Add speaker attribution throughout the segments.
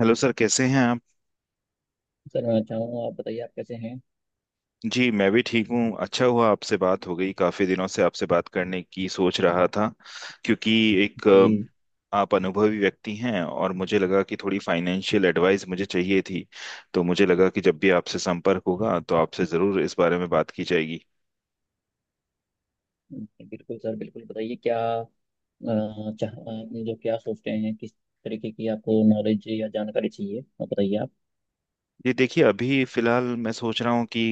Speaker 1: Hello sir कैसे हैं आप।
Speaker 2: सर मैं अच्छा हूँ आप बताइए आप कैसे हैं।
Speaker 1: जी मैं भी ठीक हूँ। अच्छा हुआ आपसे बात हो गई, काफी दिनों से आपसे बात करने की सोच रहा था क्योंकि एक
Speaker 2: जी।
Speaker 1: अ, आप अनुभवी व्यक्ति हैं और मुझे लगा कि थोड़ी फाइनेंशियल एडवाइस मुझे चाहिए थी। तो मुझे लगा कि जब भी आपसे संपर्क होगा तो आपसे जरूर इस बारे में बात की जाएगी।
Speaker 2: बिल्कुल सर बिल्कुल बताइए क्या अ, चाह आपने जो क्या सोचते हैं किस तरीके की आपको नॉलेज या जानकारी चाहिए आप बताइए आप।
Speaker 1: ये देखिए, अभी फिलहाल मैं सोच रहा हूँ कि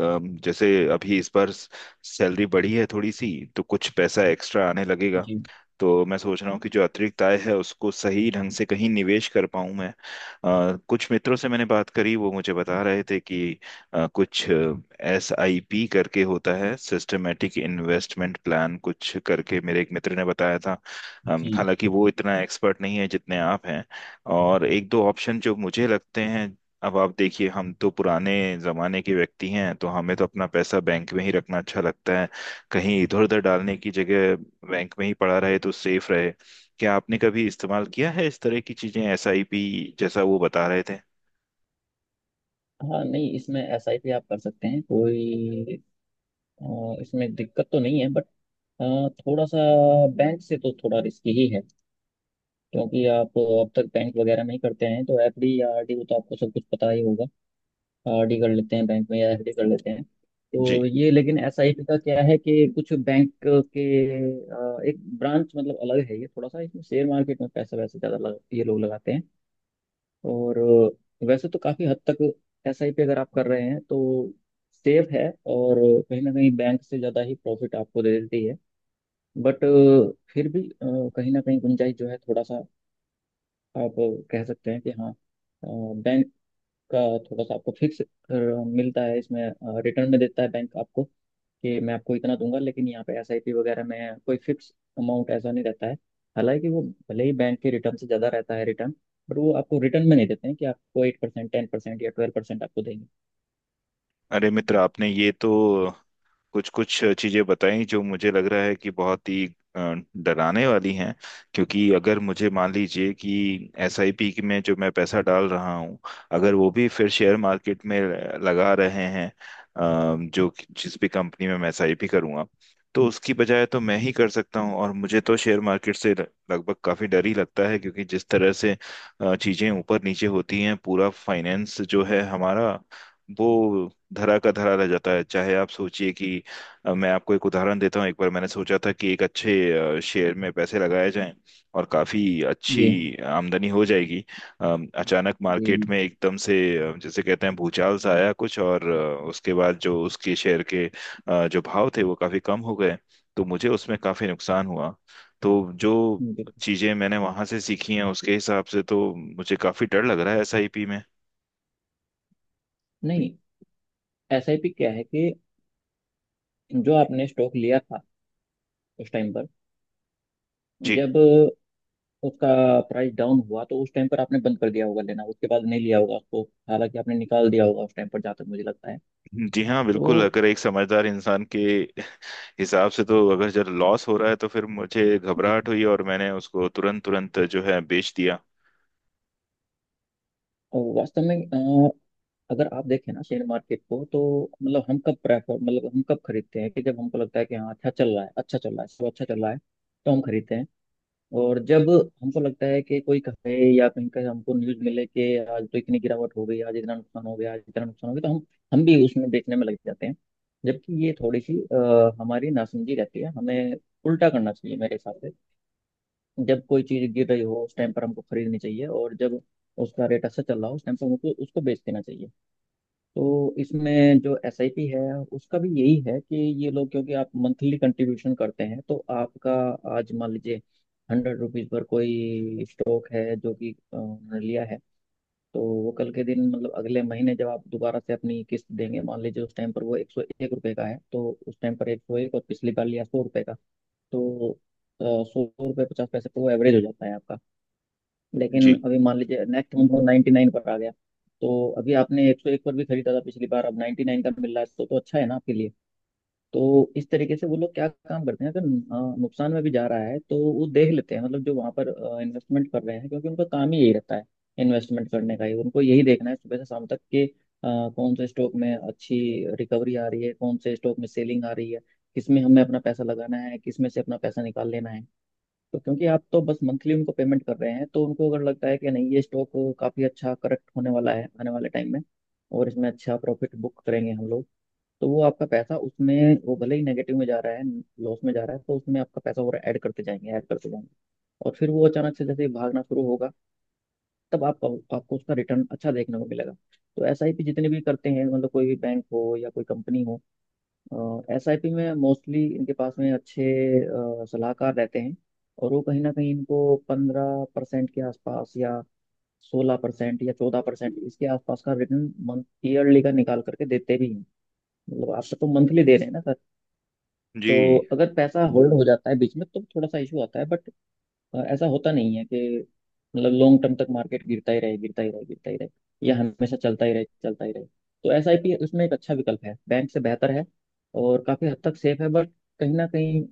Speaker 1: जैसे अभी इस बार सैलरी बढ़ी है थोड़ी सी, तो कुछ पैसा एक्स्ट्रा आने लगेगा।
Speaker 2: जी
Speaker 1: तो मैं सोच रहा हूँ कि जो अतिरिक्त आय है उसको सही ढंग से कहीं निवेश कर पाऊँ मैं। कुछ मित्रों से मैंने बात करी, वो मुझे बता रहे थे कि कुछ SIP करके होता है, सिस्टमेटिक इन्वेस्टमेंट प्लान कुछ करके मेरे एक मित्र ने बताया था।
Speaker 2: जी।
Speaker 1: हालांकि वो इतना एक्सपर्ट नहीं है जितने आप हैं। और एक दो ऑप्शन जो मुझे लगते हैं, अब आप देखिए हम तो पुराने जमाने के व्यक्ति हैं, तो हमें तो अपना पैसा बैंक में ही रखना अच्छा लगता है। कहीं इधर उधर डालने की जगह बैंक में ही पड़ा रहे तो सेफ रहे। क्या आपने कभी इस्तेमाल किया है इस तरह की चीजें, SIP जैसा वो बता रहे थे।
Speaker 2: हाँ नहीं इसमें एस आई पी आप कर सकते हैं कोई इसमें दिक्कत तो नहीं है बट थोड़ा सा बैंक से तो थोड़ा रिस्की ही है। क्योंकि आप अब तक बैंक वगैरह नहीं करते हैं तो एफ डी या आर डी वो तो आपको सब कुछ पता ही होगा। आरडी कर लेते हैं बैंक में या एफडी कर लेते हैं। तो
Speaker 1: जी।
Speaker 2: ये लेकिन एसआईपी का क्या है कि कुछ बैंक के एक ब्रांच मतलब अलग है। ये थोड़ा सा इसमें शेयर मार्केट में पैसा वैसे ज़्यादा ये लोग लगाते हैं। और वैसे तो काफ़ी हद तक एसआईपी अगर आप कर रहे हैं तो सेफ है, और कहीं ना कहीं बैंक से ज़्यादा ही प्रॉफिट आपको दे देती है। बट फिर भी कहीं ना कहीं गुंजाइश जो है थोड़ा सा आप कह सकते हैं कि हाँ, बैंक का थोड़ा सा आपको फिक्स मिलता है इसमें, रिटर्न में देता है बैंक आपको कि मैं आपको इतना दूंगा। लेकिन यहाँ पे एसआईपी वगैरह में कोई फिक्स अमाउंट ऐसा नहीं रहता है। हालांकि वो भले ही बैंक के रिटर्न से ज़्यादा रहता है रिटर्न, बट वो आपको रिटर्न में नहीं देते हैं कि आपको एट परसेंट टेन परसेंट या ट्वेल्व परसेंट आपको देंगे।
Speaker 1: अरे मित्र, आपने ये तो कुछ कुछ चीजें बताई जो मुझे लग रहा है कि बहुत ही अ, डराने वाली हैं। क्योंकि अगर मुझे मान लीजिए कि एसआईपी में जो मैं पैसा डाल रहा हूँ, अगर वो भी फिर शेयर मार्केट में लगा रहे हैं जो जिस भी कंपनी में मैं SIP करूँगा, तो उसकी बजाय तो मैं ही कर सकता हूँ। और मुझे तो शेयर मार्केट से लगभग काफी डर ही लगता है क्योंकि जिस तरह से चीजें ऊपर नीचे होती हैं, पूरा फाइनेंस जो है हमारा वो धरा का धरा रह जाता है। चाहे आप सोचिए कि अब मैं आपको एक उदाहरण देता हूँ, एक बार मैंने सोचा था कि एक अच्छे शेयर में पैसे लगाए जाएं और काफी
Speaker 2: जी
Speaker 1: अच्छी आमदनी हो जाएगी। अचानक
Speaker 2: जी जी।
Speaker 1: मार्केट में एकदम से जैसे कहते हैं भूचाल सा आया कुछ, और उसके बाद जो उसके शेयर के जो भाव थे वो काफी कम हो गए। तो मुझे उसमें काफी नुकसान हुआ। तो जो चीजें
Speaker 2: बिल्कुल।
Speaker 1: मैंने वहां से सीखी हैं उसके हिसाब से तो मुझे काफी डर लग रहा है SIP में।
Speaker 2: नहीं एसआईपी क्या है कि जो आपने स्टॉक लिया था उस टाइम पर,
Speaker 1: जी।
Speaker 2: जब उसका प्राइस डाउन हुआ तो उस टाइम पर आपने बंद कर दिया होगा लेना, उसके बाद नहीं लिया होगा आपको। हालांकि आपने निकाल दिया होगा उस टाइम पर जहाँ तक मुझे लगता है।
Speaker 1: जी हाँ
Speaker 2: तो
Speaker 1: बिल्कुल, अगर एक समझदार इंसान के हिसाब से तो, अगर जब लॉस हो रहा है तो फिर मुझे
Speaker 2: जी,
Speaker 1: घबराहट हुई और मैंने उसको तुरंत तुरंत जो है बेच दिया।
Speaker 2: वास्तव में अगर आप देखें ना शेयर मार्केट को तो मतलब हम कब प्रेफर, मतलब हम कब खरीदते हैं कि जब हमको लगता है कि हाँ अच्छा चल रहा है अच्छा चल रहा है सब अच्छा चल रहा है तो हम खरीदते हैं। और जब हमको लगता है कि कोई कहे या कहीं का हमको न्यूज मिले कि आज तो इतनी गिरावट हो गई आज इतना नुकसान हो गया आज इतना नुकसान हो गया तो हम भी उसमें देखने में लग जाते हैं। जबकि ये थोड़ी सी हमारी नासमझी रहती है, हमें उल्टा करना चाहिए मेरे हिसाब से। जब कोई चीज गिर रही हो उस टाइम पर हमको खरीदनी चाहिए, और जब उसका रेट अच्छा चल रहा हो उस टाइम पर हमको उसको बेच देना चाहिए। तो इसमें जो एस आई पी है उसका भी यही है कि ये लोग, क्योंकि आप मंथली कंट्रीब्यूशन करते हैं तो आपका आज मान लीजिए हंड्रेड रुपीज पर कोई स्टॉक है जो कि उन्होंने लिया है। तो वो कल के दिन मतलब अगले महीने जब आप दोबारा से अपनी किस्त देंगे मान लीजिए उस टाइम पर वो एक सौ एक रुपये का है, तो उस टाइम पर एक सौ एक और पिछली बार लिया सौ रुपये का, तो सौ रुपये पचास पैसे पर वो एवरेज हो जाता है आपका। लेकिन
Speaker 1: जी
Speaker 2: अभी मान लीजिए नेक्स्ट मंथ वो 99 पर आ गया। तो अभी आपने 101 पर भी खरीदा था पिछली बार, अब 99 का मिल रहा है तो अच्छा है ना आपके लिए। तो इस तरीके से वो लोग क्या काम करते हैं, अगर नुकसान में भी जा रहा है तो वो देख लेते हैं, मतलब जो वहाँ पर इन्वेस्टमेंट कर रहे हैं, क्योंकि उनका काम ही यही रहता है इन्वेस्टमेंट करने का, ही उनको यही देखना है सुबह से शाम तक कि कौन से स्टॉक में अच्छी रिकवरी आ रही है कौन से स्टॉक में सेलिंग आ रही है, किस में हमें अपना पैसा लगाना है किस में से अपना पैसा निकाल लेना है। तो क्योंकि आप तो बस मंथली उनको पेमेंट कर रहे हैं तो उनको अगर लगता है कि नहीं ये स्टॉक काफ़ी अच्छा करेक्ट होने वाला है आने वाले टाइम में और इसमें अच्छा प्रॉफिट बुक करेंगे हम लोग, तो वो आपका पैसा उसमें, वो भले ही नेगेटिव में जा रहा है लॉस में जा रहा है तो उसमें आपका पैसा और ऐड करते जाएंगे ऐड करते जाएंगे। और फिर वो अचानक से जैसे ही भागना शुरू होगा तब आप आपको उसका रिटर्न अच्छा देखने को मिलेगा। तो एसआईपी जितने भी करते हैं मतलब कोई भी बैंक हो या कोई कंपनी हो, एस आई पी में मोस्टली इनके पास में अच्छे सलाहकार रहते हैं। और वो कहीं ना कहीं इनको पंद्रह परसेंट के आसपास या सोलह परसेंट या चौदह परसेंट इसके आसपास का रिटर्न मंथ ईयरली का निकाल करके देते भी हैं। मतलब आप तो मंथली दे रहे हैं ना सर। तो
Speaker 1: जी।
Speaker 2: अगर पैसा होल्ड हो जाता है बीच में तो थोड़ा सा इशू आता है, बट ऐसा होता नहीं है कि मतलब लॉन्ग टर्म तक मार्केट गिरता ही रहे गिरता ही रहे गिरता ही रहे या हमेशा चलता ही रहे चलता ही रहे। तो एस आई पी उसमें एक अच्छा विकल्प है, बैंक से बेहतर है और काफी हद तक सेफ है, बट कहीं ना कहीं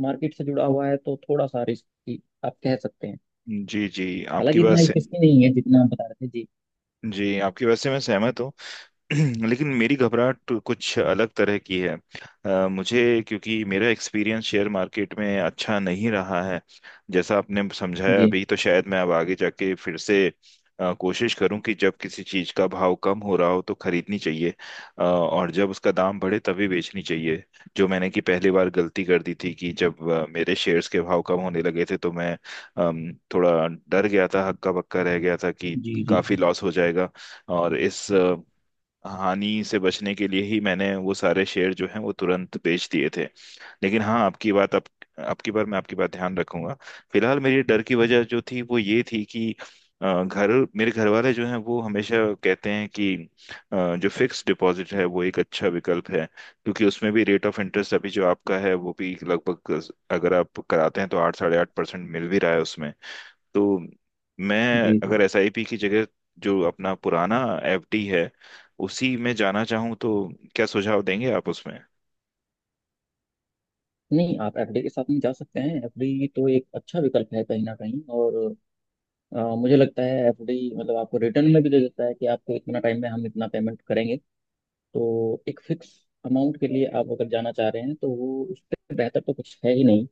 Speaker 2: मार्केट से जुड़ा हुआ है तो थोड़ा सा रिस्की आप कह सकते हैं।
Speaker 1: जी आपकी
Speaker 2: हालांकि
Speaker 1: बात
Speaker 2: इतना
Speaker 1: से,
Speaker 2: रिस्की नहीं है जितना आप बता रहे थे। जी
Speaker 1: जी आपकी बात से मैं सहमत हूँ। लेकिन मेरी घबराहट कुछ अलग तरह की है। अ, मुझे क्योंकि मेरा एक्सपीरियंस शेयर मार्केट में अच्छा नहीं रहा है। जैसा आपने समझाया
Speaker 2: जी
Speaker 1: अभी, तो शायद मैं अब आगे जाके फिर से कोशिश करूं कि जब किसी चीज का भाव कम हो रहा हो तो खरीदनी चाहिए, और जब उसका दाम बढ़े तभी बेचनी चाहिए। जो मैंने कि पहली बार गलती कर दी थी कि जब मेरे शेयर्स के भाव कम होने लगे थे तो मैं थोड़ा डर गया था, हक्का बक्का रह गया था कि
Speaker 2: जी जी
Speaker 1: काफी लॉस हो जाएगा। और इस हानि से बचने के लिए ही मैंने वो सारे शेयर जो हैं वो तुरंत बेच दिए थे। लेकिन हाँ, आपकी बात आप आपकी बार मैं आपकी बात ध्यान रखूंगा। फिलहाल मेरी डर की वजह जो थी वो ये थी कि अ, घर मेरे घर वाले जो हैं वो हमेशा कहते हैं कि जो फिक्स डिपॉजिट है वो एक अच्छा विकल्प है। क्योंकि उसमें भी रेट ऑफ इंटरेस्ट अभी जो आपका है वो भी लगभग, अगर आप कराते हैं तो 8 साढ़े 8% मिल भी रहा है उसमें। तो मैं
Speaker 2: जी
Speaker 1: अगर
Speaker 2: जी।
Speaker 1: SIP की जगह जो अपना पुराना FD है उसी में जाना चाहूँ, तो क्या सुझाव देंगे आप उसमें।
Speaker 2: नहीं आप एफडी के साथ नहीं जा सकते हैं, एफडी तो एक अच्छा विकल्प है कहीं ना कहीं, और मुझे लगता है एफडी मतलब आपको रिटर्न में भी दे देता है कि आपको इतना टाइम में हम इतना पेमेंट करेंगे। तो एक फिक्स अमाउंट के लिए आप अगर जाना चाह रहे हैं तो वो, उससे बेहतर तो कुछ है ही नहीं।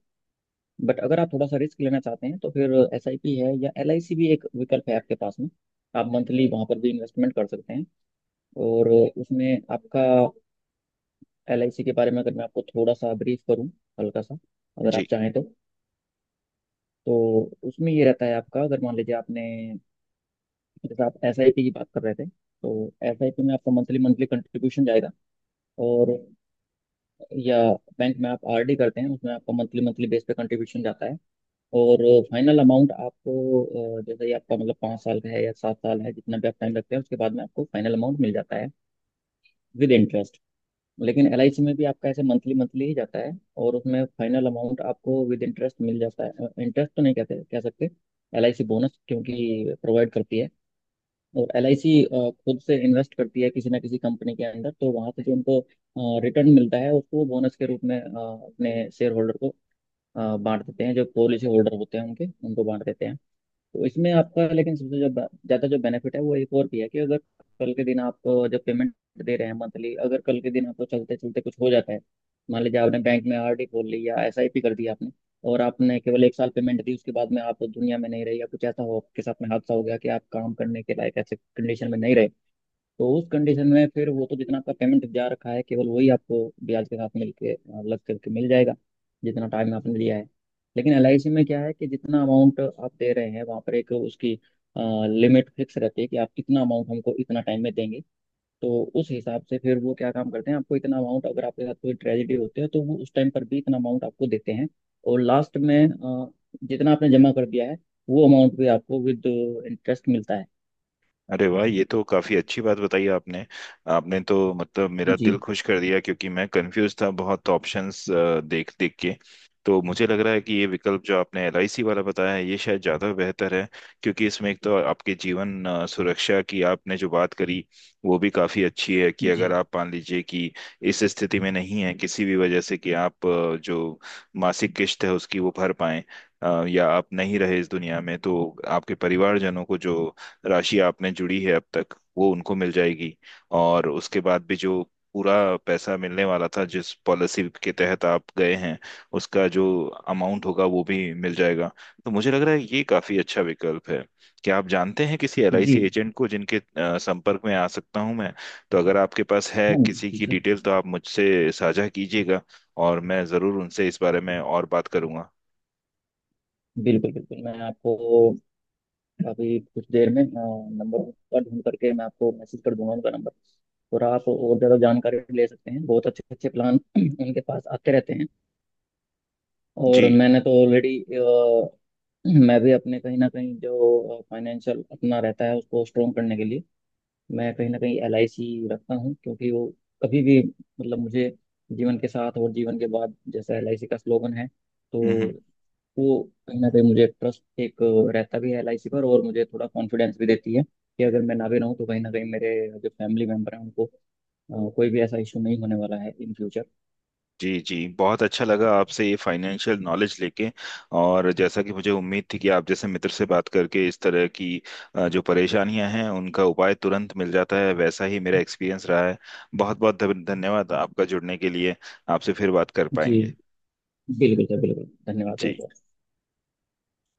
Speaker 2: बट अगर आप थोड़ा सा रिस्क लेना चाहते हैं तो फिर एस आई पी है, या एल आई सी भी एक विकल्प है आपके पास में। आप मंथली वहाँ पर भी इन्वेस्टमेंट कर सकते हैं, और उसमें आपका, एल आई सी के बारे में अगर मैं आपको थोड़ा सा ब्रीफ करूँ हल्का सा अगर आप
Speaker 1: जी।
Speaker 2: चाहें तो। तो उसमें ये रहता है आपका, अगर मान लीजिए आपने, जैसे आप एस आई पी की बात कर रहे थे तो एस आई पी में आपका मंथली मंथली कंट्रीब्यूशन जाएगा, और या बैंक में आप आरडी करते हैं उसमें आपका मंथली मंथली बेस पे कंट्रीब्यूशन जाता है। और फाइनल अमाउंट आपको जैसे ही आपका मतलब पाँच साल का है या सात साल है जितना भी आप टाइम रखते हैं उसके बाद में आपको फाइनल अमाउंट मिल जाता है विद इंटरेस्ट। लेकिन एलआईसी में भी आपका ऐसे मंथली मंथली ही जाता है, और उसमें फाइनल अमाउंट आपको विद इंटरेस्ट मिल जाता है। इंटरेस्ट तो नहीं कहते, कह सकते एलआईसी बोनस क्योंकि प्रोवाइड करती है। और एल आई सी खुद से इन्वेस्ट करती है किसी ना किसी कंपनी के अंदर, तो वहां से जो उनको रिटर्न मिलता है उसको बोनस के रूप में अपने शेयर होल्डर को, बांट देते हैं, जो पॉलिसी होल्डर होते हैं उनके, उनको बांट देते हैं। तो इसमें आपका लेकिन सबसे जो ज़्यादा जो बेनिफिट है वो एक और भी है कि अगर कल के दिन आप जब पेमेंट दे रहे हैं मंथली, अगर कल के दिन आपको चलते चलते कुछ हो जाता है, मान लीजिए आपने बैंक में आरडी खोल ली या एसआईपी कर दी आपने, और आपने केवल एक साल पेमेंट दी उसके बाद में आप दुनिया में नहीं रहे या कुछ ऐसा हो आपके साथ में हादसा हो गया कि आप काम करने के लायक ऐसे कंडीशन में नहीं रहे, तो उस कंडीशन में फिर वो तो जितना आपका पेमेंट जा रखा है केवल वही आपको ब्याज के साथ मिल के लग करके मिल जाएगा जितना टाइम आपने लिया है। लेकिन एल आई सी में क्या है कि जितना अमाउंट आप दे रहे हैं वहाँ पर एक उसकी लिमिट फिक्स रहती है कि आप इतना अमाउंट हमको इतना टाइम में देंगे। तो उस हिसाब से फिर वो क्या काम करते हैं, आपको इतना अमाउंट, अगर आपके साथ कोई ट्रेजेडी होती है तो वो उस टाइम पर भी इतना अमाउंट आपको देते हैं। और लास्ट में जितना आपने जमा कर दिया है वो अमाउंट भी आपको विद इंटरेस्ट मिलता है।
Speaker 1: अरे वाह, ये तो काफी अच्छी बात बताई आपने। आपने तो मतलब मेरा दिल
Speaker 2: जी
Speaker 1: खुश कर दिया, क्योंकि मैं कंफ्यूज था बहुत ऑप्शंस देख देख के। तो मुझे लग रहा है कि ये विकल्प जो आपने LIC वाला बताया है ये शायद ज्यादा बेहतर है। क्योंकि इसमें एक तो आपके जीवन सुरक्षा की आपने जो बात करी वो भी काफी अच्छी है कि अगर
Speaker 2: जी।
Speaker 1: आप मान लीजिए कि इस स्थिति में नहीं है किसी भी वजह से कि आप जो मासिक किस्त है उसकी वो भर पाएं, या आप नहीं रहे इस दुनिया में, तो आपके परिवारजनों को जो राशि आप में जुड़ी है अब तक वो उनको मिल जाएगी। और उसके बाद भी जो पूरा पैसा मिलने वाला था जिस पॉलिसी के तहत आप गए हैं, उसका जो अमाउंट होगा वो भी मिल जाएगा। तो मुझे लग रहा है ये काफी अच्छा विकल्प है। क्या आप जानते हैं किसी
Speaker 2: जी
Speaker 1: LIC एजेंट को जिनके संपर्क में आ सकता हूं मैं। तो अगर आपके पास है
Speaker 2: हाँ।
Speaker 1: किसी की
Speaker 2: जी,
Speaker 1: डिटेल तो आप मुझसे साझा कीजिएगा, और मैं जरूर उनसे इस बारे में और बात करूंगा।
Speaker 2: बिल्कुल बिल्कुल। मैं आपको अभी कुछ देर में नंबर का ढूंढ करके मैं आपको मैसेज कर दूंगा उनका नंबर। और आप और ज़्यादा जानकारी ले सकते हैं, बहुत अच्छे अच्छे प्लान उनके पास आते रहते हैं।
Speaker 1: जी।
Speaker 2: और मैंने तो ऑलरेडी, मैं भी अपने कहीं ना कहीं जो फाइनेंशियल अपना रहता है उसको स्ट्रोंग करने के लिए मैं कहीं ना कहीं एल आई सी रखता हूँ, क्योंकि वो कभी भी, मतलब मुझे जीवन के साथ और जीवन के बाद जैसा एल आई सी का स्लोगन है। तो
Speaker 1: हम्म हम्म।
Speaker 2: वो कहीं ना कहीं मुझे ट्रस्ट एक रहता भी है एलआईसी पर, और मुझे थोड़ा कॉन्फिडेंस भी देती है कि अगर मैं ना भी रहूँ तो कहीं ना कहीं मेरे जो फैमिली मेम्बर हैं उनको कोई भी ऐसा इशू नहीं होने वाला है इन फ्यूचर।
Speaker 1: जी बहुत अच्छा लगा आपसे ये फाइनेंशियल नॉलेज लेके। और जैसा कि मुझे उम्मीद थी कि आप जैसे मित्र से बात करके इस तरह की जो परेशानियां हैं उनका उपाय तुरंत मिल जाता है, वैसा ही मेरा एक्सपीरियंस रहा है। बहुत बहुत धन्यवाद आपका जुड़ने के लिए। आपसे फिर बात कर
Speaker 2: जी
Speaker 1: पाएंगे।
Speaker 2: बिल्कुल सर बिल्कुल। धन्यवाद बहुत
Speaker 1: जी।
Speaker 2: बहुत।